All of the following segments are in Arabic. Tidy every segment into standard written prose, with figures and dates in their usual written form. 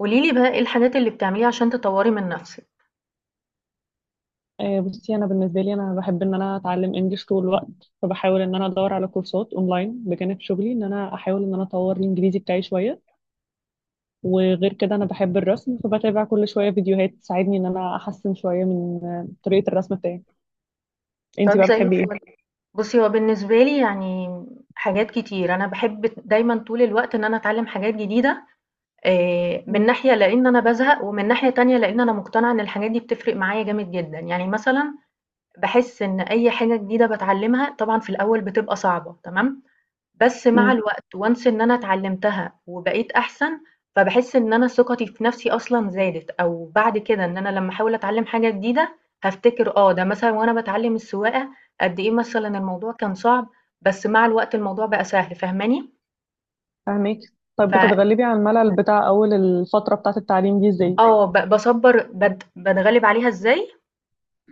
قولي لي بقى إيه الحاجات اللي بتعمليها عشان تطوري من نفسِك؟ آه، بصي انا بالنسبه لي انا بحب ان انا اتعلم انجليش طول الوقت. فبحاول ان انا ادور على كورسات اونلاين بجانب شغلي، ان انا احاول ان انا اطور الانجليزي بتاعي شويه. وغير كده انا بحب الرسم، فبتابع كل شويه فيديوهات تساعدني ان انا احسن شويه من طريقه الرسم بتاعي. انتي طب بقى زي بتحبي ايه؟ الفل. بُصّي، هو بالنسبة لي يعني حاجات كتير، أنا باحب دايمًا طول الوقت إن أنا أتعلم حاجات جديدة، من مم. ناحية لإن أنا بازهق، ومن ناحية تانية لإن أنا مقتنعة إن الحاجات دي بتفرق معايا جامد جدًا، يعني مثلًا باحس إن أي حاجة جديدة باتعلمها طبعًا في الأول بتبقى صعبة، تمام؟ بس مع مم. الوقت once إن أنا اتعلمتها وبقيت أحسن، فباحس إن أنا ثقتي في نفسي أصلًا زادت، أو بعد كده إن أنا لمّا أحاول أتعلم حاجة جديدة هافتكر ده مثلًا وأنا باتعلم السواقة قد إيه مثلًا الموضوع كان صعب، بس مع الوقت الموضوع بقى سهل، فاهماني؟ فاهمك. طب ف آه، فاهماكِ. بتتغلبي على الملل بتاع اول الفتره بتاعه التعليم دي ازاي؟ آه، ب باصبّر باتغلب عليها إزاي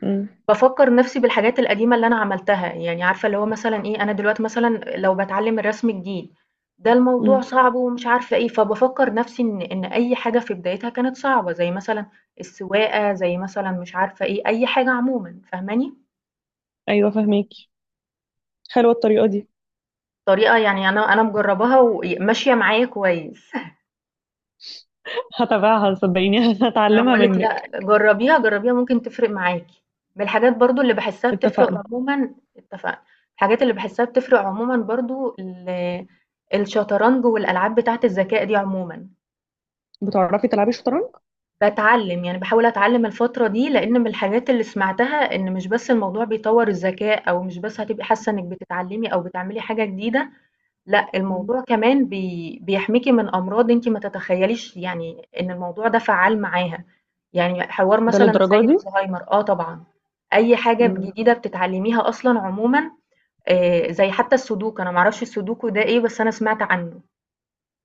مم. بافكّر نَفْسي بالحاجات القديمة اللي أنا عملتها، يعني عارفة اللي هو مثلًا إيه، أنا دلوقتي مثلًا لو باتعلّم الرسم جديد، ده الموضوع مم. صعب ومش عارفة إيه، فبافكّر نَفْسي إن أي حاجة في بدايتها كانت صعبة، زي مثلًا السواقة، زي مثلًا مش عارفة إيه، أي حاجة عمومًا، فاهماني؟ ايوه، فاهمك. حلوه الطريقه دي. طريقة يعني أنا مجرّباها وماشية معايا كويس. هتابعها صدقيني أنا هتعلمها باقول لِك لأ، منك. جرّبيها، جرّبيها ممكن تفرق معاكِ. من الحاجات برضه اللي باحسّها بتفرق اتفقنا. عمومًا اتفقنا. الحاجات اللي باحسّها بتفرق عمومًا برضه الشطرنج والألعاب بتاعة الذكاء دي عمومًا. بتعرفي تلعبي شطرنج؟ باتعلّم، يعني باحاول أتعلّم الفترة دي، لإن من الحاجات اللي سمعتها إن مش بس الموضوع بيطوّر الذكاء أو مش بس هتبقي حاسّة إنِّك بتتعلّمي أو بتعملي حاجة جديدة لأ، الموضوع كمان بيحميكِ من أمراض أنتِ ما تتخيليش يعني إن الموضوع ده فعّال معاها، يعني حوار ده مثلًا للدرجة زي دي؟ الزهايمر طبعًا، أي حاجة مم. جديدة بتتعلميها أصلًا عمومًا زي حتى السودوكو أنا ما أعرفش السودوكو ده إيه، بس أنا سمعت عنه،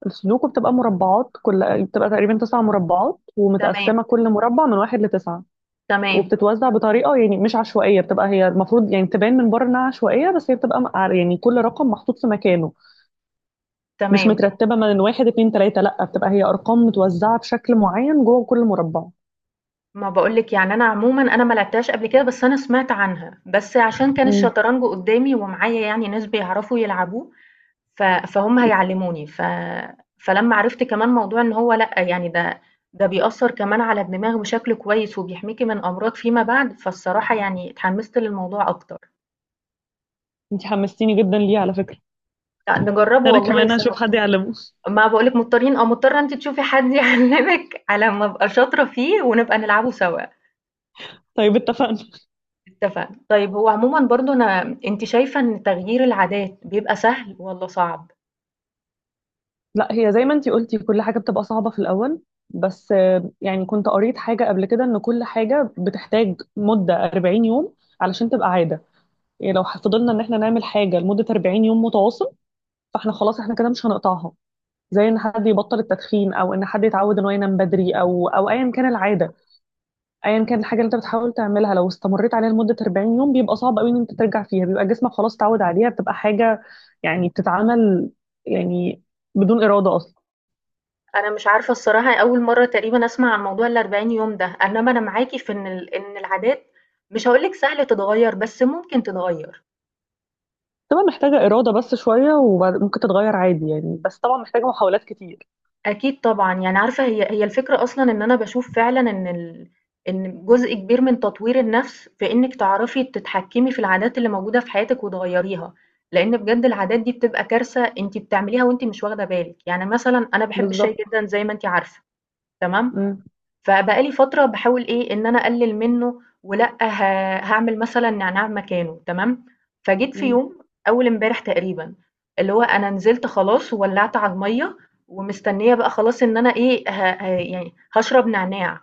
السودوكو بتبقى مربعات، كل بتبقى تقريبا تسع مربعات تمام، ومتقسمة كل مربع من واحد لتسعة. تمام، وبتتوزع بطريقة يعني مش عشوائية، بتبقى هي المفروض يعني تبان من بره إنها عشوائية، بس هي بتبقى يعني كل رقم محطوط في مكانه. مش تمام، مترتبة من واحد اتنين تلاتة، لأ، بتبقى هي أرقام متوزعة بشكل معين جوه كل مربع. ما باقول لِك يعني أنا عمومًا ما لعبتهاش قبل كده، بس أنا سمعت عنها، بس عشان كان مم. الشطرنج قدّامي ومعايا يعني ناس بيعرفوا يلعبوه، ف فهُم هيعلّموني، فلمّا عرفت كمان موضوع إن هو لأ، يعني ده بيأثّر كمان على الدماغ بشكل كويس وبيحميكِ من أمراض فيما بعد، فالصراحة يعني اتحمّست للموضوع أكتر. انتي حمستيني جدا ليه على فكرة. لأ، نجرّبه أنا والله كمان سوا، هشوف حد يعلمه. ما باقول لِك مضطرين مضطرة أنتِ تشوفي حد يعلّمِك على ما أبقى شاطرة فيه ونبقى نلعبه سوا، طيب، اتفقنا. اتفقنا. طيب هو عمومًا برضه أنتِ شايفة إن تغيير العادات بيبقى سهل والّا صعب؟ لا، هي زي ما انتي قلتي كل حاجة بتبقى صعبة في الأول. بس يعني كنت قريت حاجة قبل كده إن كل حاجة بتحتاج مدة 40 يوم علشان تبقى عادة. يعني لو فضلنا إن إحنا نعمل حاجة لمدة 40 يوم متواصل، فإحنا خلاص إحنا كده مش هنقطعها. زي إن حد يبطل التدخين أو إن حد يتعود إن هو ينام بدري، أو أيا كان العادة. أيا كان الحاجة اللي أنت بتحاول تعملها لو استمريت عليها لمدة 40 يوم بيبقى صعب قوي إن أنت ترجع فيها، بيبقى جسمك خلاص اتعود عليها، بتبقى حاجة يعني بتتعمل، يعني بدون إرادة أصلا. أنا مش عارفة الصراحة أول مرّة تقريبًا أسمع عن موضوع ال40 يوم ده، إنما أنا معاكِ في إن إن العادات مش هاقول لِك سهل تتغيّر، بس ممكن تتغيّر. بتبقى محتاجة إرادة بس شوية وممكن تتغير عادي يعني، بس طبعا محتاجة محاولات كتير. أكيد طبعًا، يعني عارفة هي هي الفكرة أصلًا إن أنا باشوف فعلًا إن إن جزء كبير من تطوير النَفْس في إنِّك تعرفي تتحكّمي في العادات اللي موجودة في حياتِك وتغيّريها، لإن بجد العادات دي بتبقى كارثة أنتِ بتعمليها وأنتِ مش واخدة بالِك. يعني مثلًا أنا باحب الشاي بالظبط. جدًا زي ما أنتِ عارفة، تمام؟ مم. فبقى لي فترة باحاول إيه، إن أنا أقلِّل منّه ولأ هاعمل مثلًا نعناع مكانه تمام، فجيت في مم. يوم أول امبارح تقريبًا، اللي هو أنا نزلت خلاص وولّعت على المَيّة ومستنية بقى خلاص إن أنا إيه، ه ه يعني هاشرب نعناع،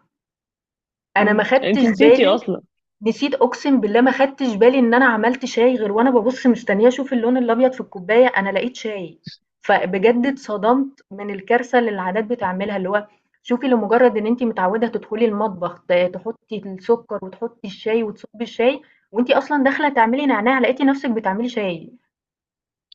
أنا ما مم. انتي خدتش نسيتي بالي أصلا. نسيت أقسم بالله ما خدتش بالي إن أنا عملت شاي غير وأنا بابُص مستنية أشوف اللون الأبيض في الكوباية، أنا لقيت شاي، فبجد اتصدمت من الكارثة اللي العادات بتعملها، اللي هو شوفي لمجرد إن أنتِ متعودة تدخلي المطبخ تحطي السكر وتحطي الشاي وتصُبّي الشاي وأنتِ أصلًا داخلة تعملي نعناع لقيتِ نفسِك بتعملي شاي،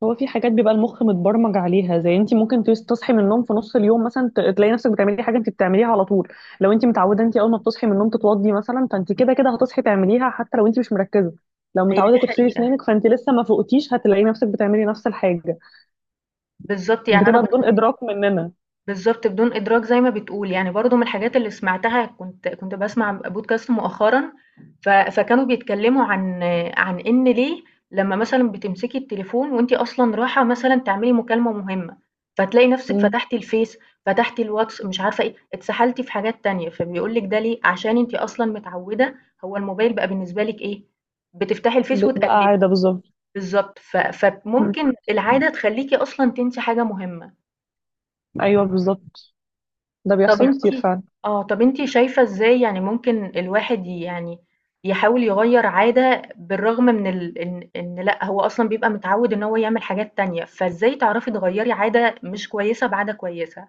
هو في حاجات بيبقى المخ متبرمج عليها، زي انتي ممكن تصحي من النوم في نص اليوم مثلا تلاقي نفسك بتعملي حاجة انتي بتعمليها على طول. لو انتي متعودة انتي أول ما بتصحي من النوم تتوضي مثلا، فانتي كده كده هتصحي تعمليها حتى لو انتي مش مركزة. لو هي متعودة دي تغسلي حقيقة، أسنانك، فانتي لسه ما فوقتيش هتلاقي نفسك بتعملي نفس الحاجة. بالضبط يعني أنا بتبقى بدون برضه إدراك مننا. بالضبط بدون إدراك زي ما بتقول، يعني برضه من الحاجات اللي سمعتها كنت باسمع بودكاست مؤخرًا فكانوا بيتكلموا عن إن ليه لمّا مثلًا بتمسكي التليفون وأنتِ أصلًا رايحة مثلًا تعملي مكالمة مهمة، فتلاقي نفسِك مم. فتحتِ الفيس، فتحتِ الواتس، مش عارفة إيه، اتسحلتِ في حاجات تانية، فبيقول لِك ده ليه، عشان أنتِ أصلًا متعودة هو الموبايل بقى بالنسبة لِك إيه، بتفتحي الفيس بقى وتقلبي، عادة بالظبط. بالضبط، مم. فممكن العادة تخليكِ أصلًا تنسي حاجة مهمة. ايوه، بالظبط. ده طب بيحصل أنتِ كتير فعلا. طب أنتِ شايفة إزاي يعني ممكن الواحد يعني يحاول يغيّر عادة بالرغم من إن لأ، هو أصلًا بيبقى متعوّد إن هو يعمل حاجات تانية، فإزاي تعرفي تغيّري عادة مش كويسة بعادة كويسة؟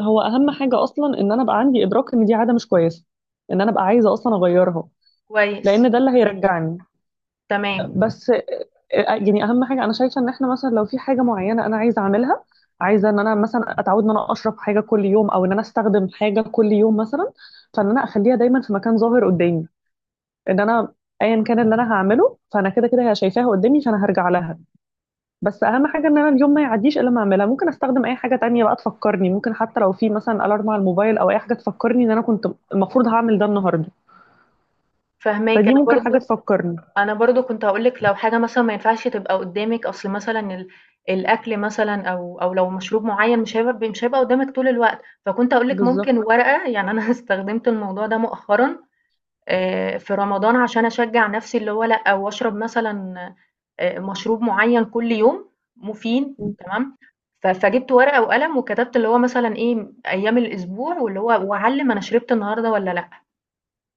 هو اهم حاجه اصلا ان انا ابقى عندي ادراك ان دي عاده مش كويسه، ان انا ابقى عايزه اصلا اغيرها، كويس، لان ده اللي هيرجعني. تمام، بس يعني اهم حاجه انا شايفه ان احنا مثلا لو في حاجه معينه انا عايزه اعملها، عايزه ان انا مثلا اتعود ان انا اشرب حاجه كل يوم او ان انا استخدم حاجه كل يوم مثلا، فان انا اخليها دايما في مكان ظاهر قدامي. ان انا ايا كان اللي انا هعمله فانا كده كده هي شايفاها قدامي فانا هرجع لها. بس اهم حاجه ان انا اليوم ما يعديش الا ما اعملها. ممكن استخدم اي حاجه تانية بقى تفكرني، ممكن حتى لو في مثلا الارم على الموبايل او اي حاجه تفكرني ان انا كنت المفروض هعمل ده النهارده. فاهماكِ. فدي ممكن حاجه تفكرني. أنا برضه كنت هاقول لِك لو حاجة مثلًا ما ينفعش تبقى قدّامِك، أصل مثلًا الأكل مثلًا أو لو مشروب معيّن مش هيبقى قدّامِك طول الوقت، فكنت هاقول لِك ممكن بالظبط. ورقة، يعني أنا استخدمت الموضوع ده مؤخرًا، في رمضان عشان أشجّع نَفْسي اللي هو لأ، وأشرب مثلًا مشروب معيّن كل يوم مفيد تمام، فجِبت ورقة وقلم وكتبت اللي هو مثلًا إيه، أيام الأسبوع واللي هو وأعلِّم أنا شربت النهارده والّا لأ.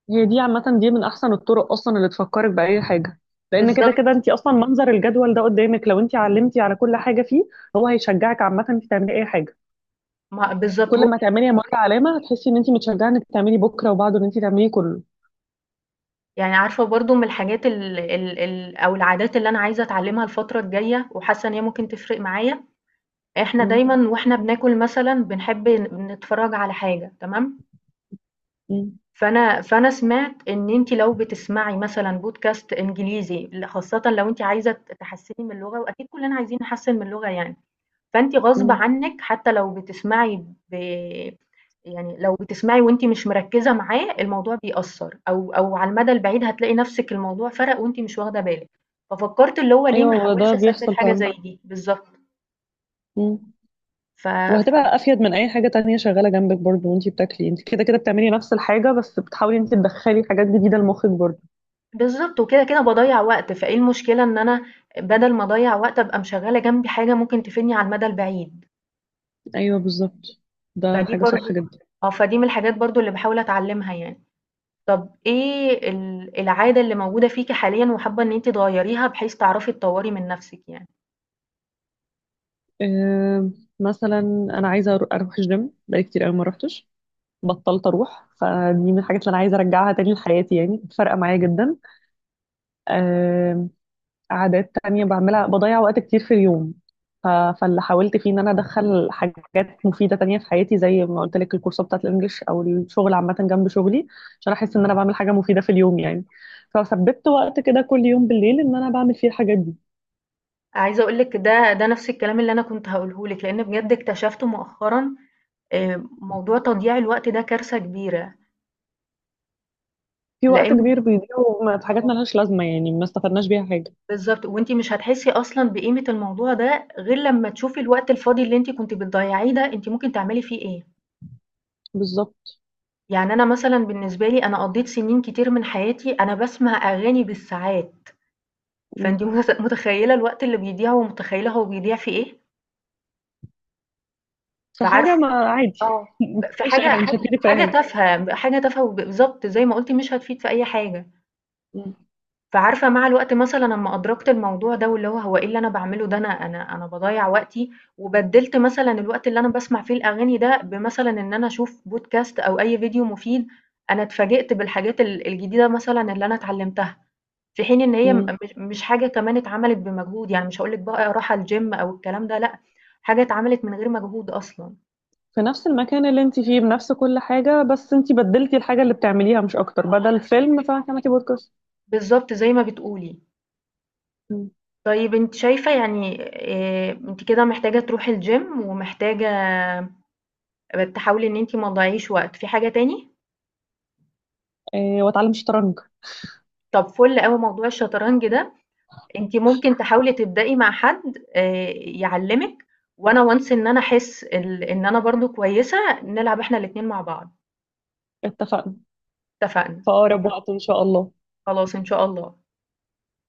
هي دي عامه دي من احسن الطرق اصلا اللي تفكرك باي حاجه، لان كده كده بالضبط، انت اصلا منظر الجدول ده قدامك لو انت علمتي على كل حاجه فيه هو هيشجعك عامه انك تعملي اي حاجه. ما بالضبط كل هو ما تعملي مره علامه هتحسي ان انت متشجعه انك تعملي بكره وبعده ان انت تعملي كله. يعني عارفة برضه من الحاجات ال ال ال أو العادات اللي أنا عايزة أتعلِّمها الفترة الجاية وحاسة إن هي ممكن تفرق معايا، إحنا م- دايمًا وإحنا بناكل مثلًا بنحب نتفرّج على حاجة تمام، م- فانا سمعت ان انت لو بتسمعي مثلا بودكاست انجليزي خاصه لو انت عايزه تحسني من اللغه واكيد كلنا عايزين نحسن من اللغه يعني فانت غصب م. عنك حتى لو بتسمعي ب... يعني لو بتسمعي وانت مش مركزه معاه الموضوع بيأثر او على المدى البعيد هتلاقي نفسك الموضوع فرق وانت مش واخده بالك ففكرت اللي هو ليه ايوه، ما هو ده احاولش اثبت بيحصل حاجه فعلا. زي دي بالظبط م. ف... وهتبقى افيد من اي حاجه تانية شغاله جنبك برضو، وانتي بتاكلي انت كده كده بتعملي نفس الحاجه بس بتحاولي انت تدخلي حاجات جديده لمخك برضو. بالضبط، وكده، كده باضيّع وقت، فإيه المشكلة إن أنا بدل ما أضيّع وقت أبقى مشغّلة جنبي حاجة ممكن تفيدني على المدى البعيد، ايوه بالظبط. ده فدي حاجه برضه صح جدا. صحيح. فدي من الحاجات برضه اللي باحاول أتعلّمها يعني. طَب إيه العادة اللي موجودة فيكِ حاليًا وحابة إن أنتِ تغيّريها بحيث تعرفي تطوّري من نَفْسِك يعني؟ أه، مثلا انا عايزه اروح الجيم بقالي كتير قوي ما روحتش. بطلت اروح، فدي من الحاجات اللي انا عايزه ارجعها تاني لحياتي يعني فرقه معايا جدا. عادات تانية بعملها بضيع وقت كتير في اليوم. ف... فاللي حاولت فيه ان انا ادخل حاجات مفيدة تانية في حياتي زي ما قلت لك الكورسات بتاعت الانجليش او الشغل عامة جنب شغلي عشان احس ان انا بعمل حاجة مفيدة في اليوم يعني. فثبت وقت كده كل يوم بالليل ان انا بعمل فيه الحاجات دي. عايزة أقول لِك ده نَفْس الكلام اللي أنا كنت هاقوله لِك، لإن بجد اكتشفت مؤخرًا موضوع تضييع الوقت ده كارثة كبيرة، في وقت لإن كبير بيضيع، في حاجات طبعًا. آه. ملهاش لازمة يعني ما استفدناش بيها حاجة. بالضبط، وأنتِ مش هتحسّي أصلًا بقيمة الموضوع ده غير لمّا تشوفي الوقت الفاضي اللي أنتِ كنتِ بتضيّعيه ده أنتِ ممكن تعملي فيه إيه. بالظبط. يعني أنا مثلًا بالنسبة لي أنا قضّيت سنين كتير من حياتي أنا باسمع أغاني بالساعات، م. فأنتِ متخيّلة الوقت اللي بيضيع ومتخيّلة هو بيضيع في إيه، فعارفة فحاجة ما عادي آه، ما ب في بتعملش اي حاجة حاجة مش هتفيدك في اي حاجة. تافهة، حاجة تافهة بالضبط زي ما قُلتِ مش هتفيد في أي حاجة. م. فعارفة مع الوقت مثلًا أمّا أدركت الموضوع ده واللي هو هو إيه اللي أنا باعمله ده، أنا باضيّع وقتي، وبدِّلت مثلًا الوقت اللي أنا باسمع فيه الأغاني ده بمثلًا إن أنا أشوف podcast أو أي فيديو مفيد، أنا اتفاجئت بالحاجات الجديدة مثلًا اللي أنا اتعلمتها، في حين إن هي م م. مش مش حاجة كمان اتعملت بمجهود، يعني مش هاقول لِك بقى راحة الgym أو الكلام ده لأ، حاجة اتعملت من غير مجهود أصلًا. في نفس المكان اللي انت فيه بنفس كل حاجة بس انت بدلتي الحاجة اللي بتعمليها مش اكتر، بدل فيلم فهتعملي بودكاست. بالضبط زي ما بتقولي. طيب أنتِ شايفة يعني أنتِ كده محتاجة تروحي الgym ومحتاجة تحاولي إن أنتِ ما تضيّعيش وقت، في حاجة تاني؟ اه، واتعلم شطرنج. طب فُل أوي موضوع الشطرنج ده، أنتِ ممكن تحاولي تبدئي مع حد يعلّمِك، وأنا once إن أنا أحس إن أنا برضه كويسة، نلعب إحنا الاتنين مع بعض، اتفقنا. اتفقنا، في اقرب وقت ان شاء الله. خلاص إن شاء الله.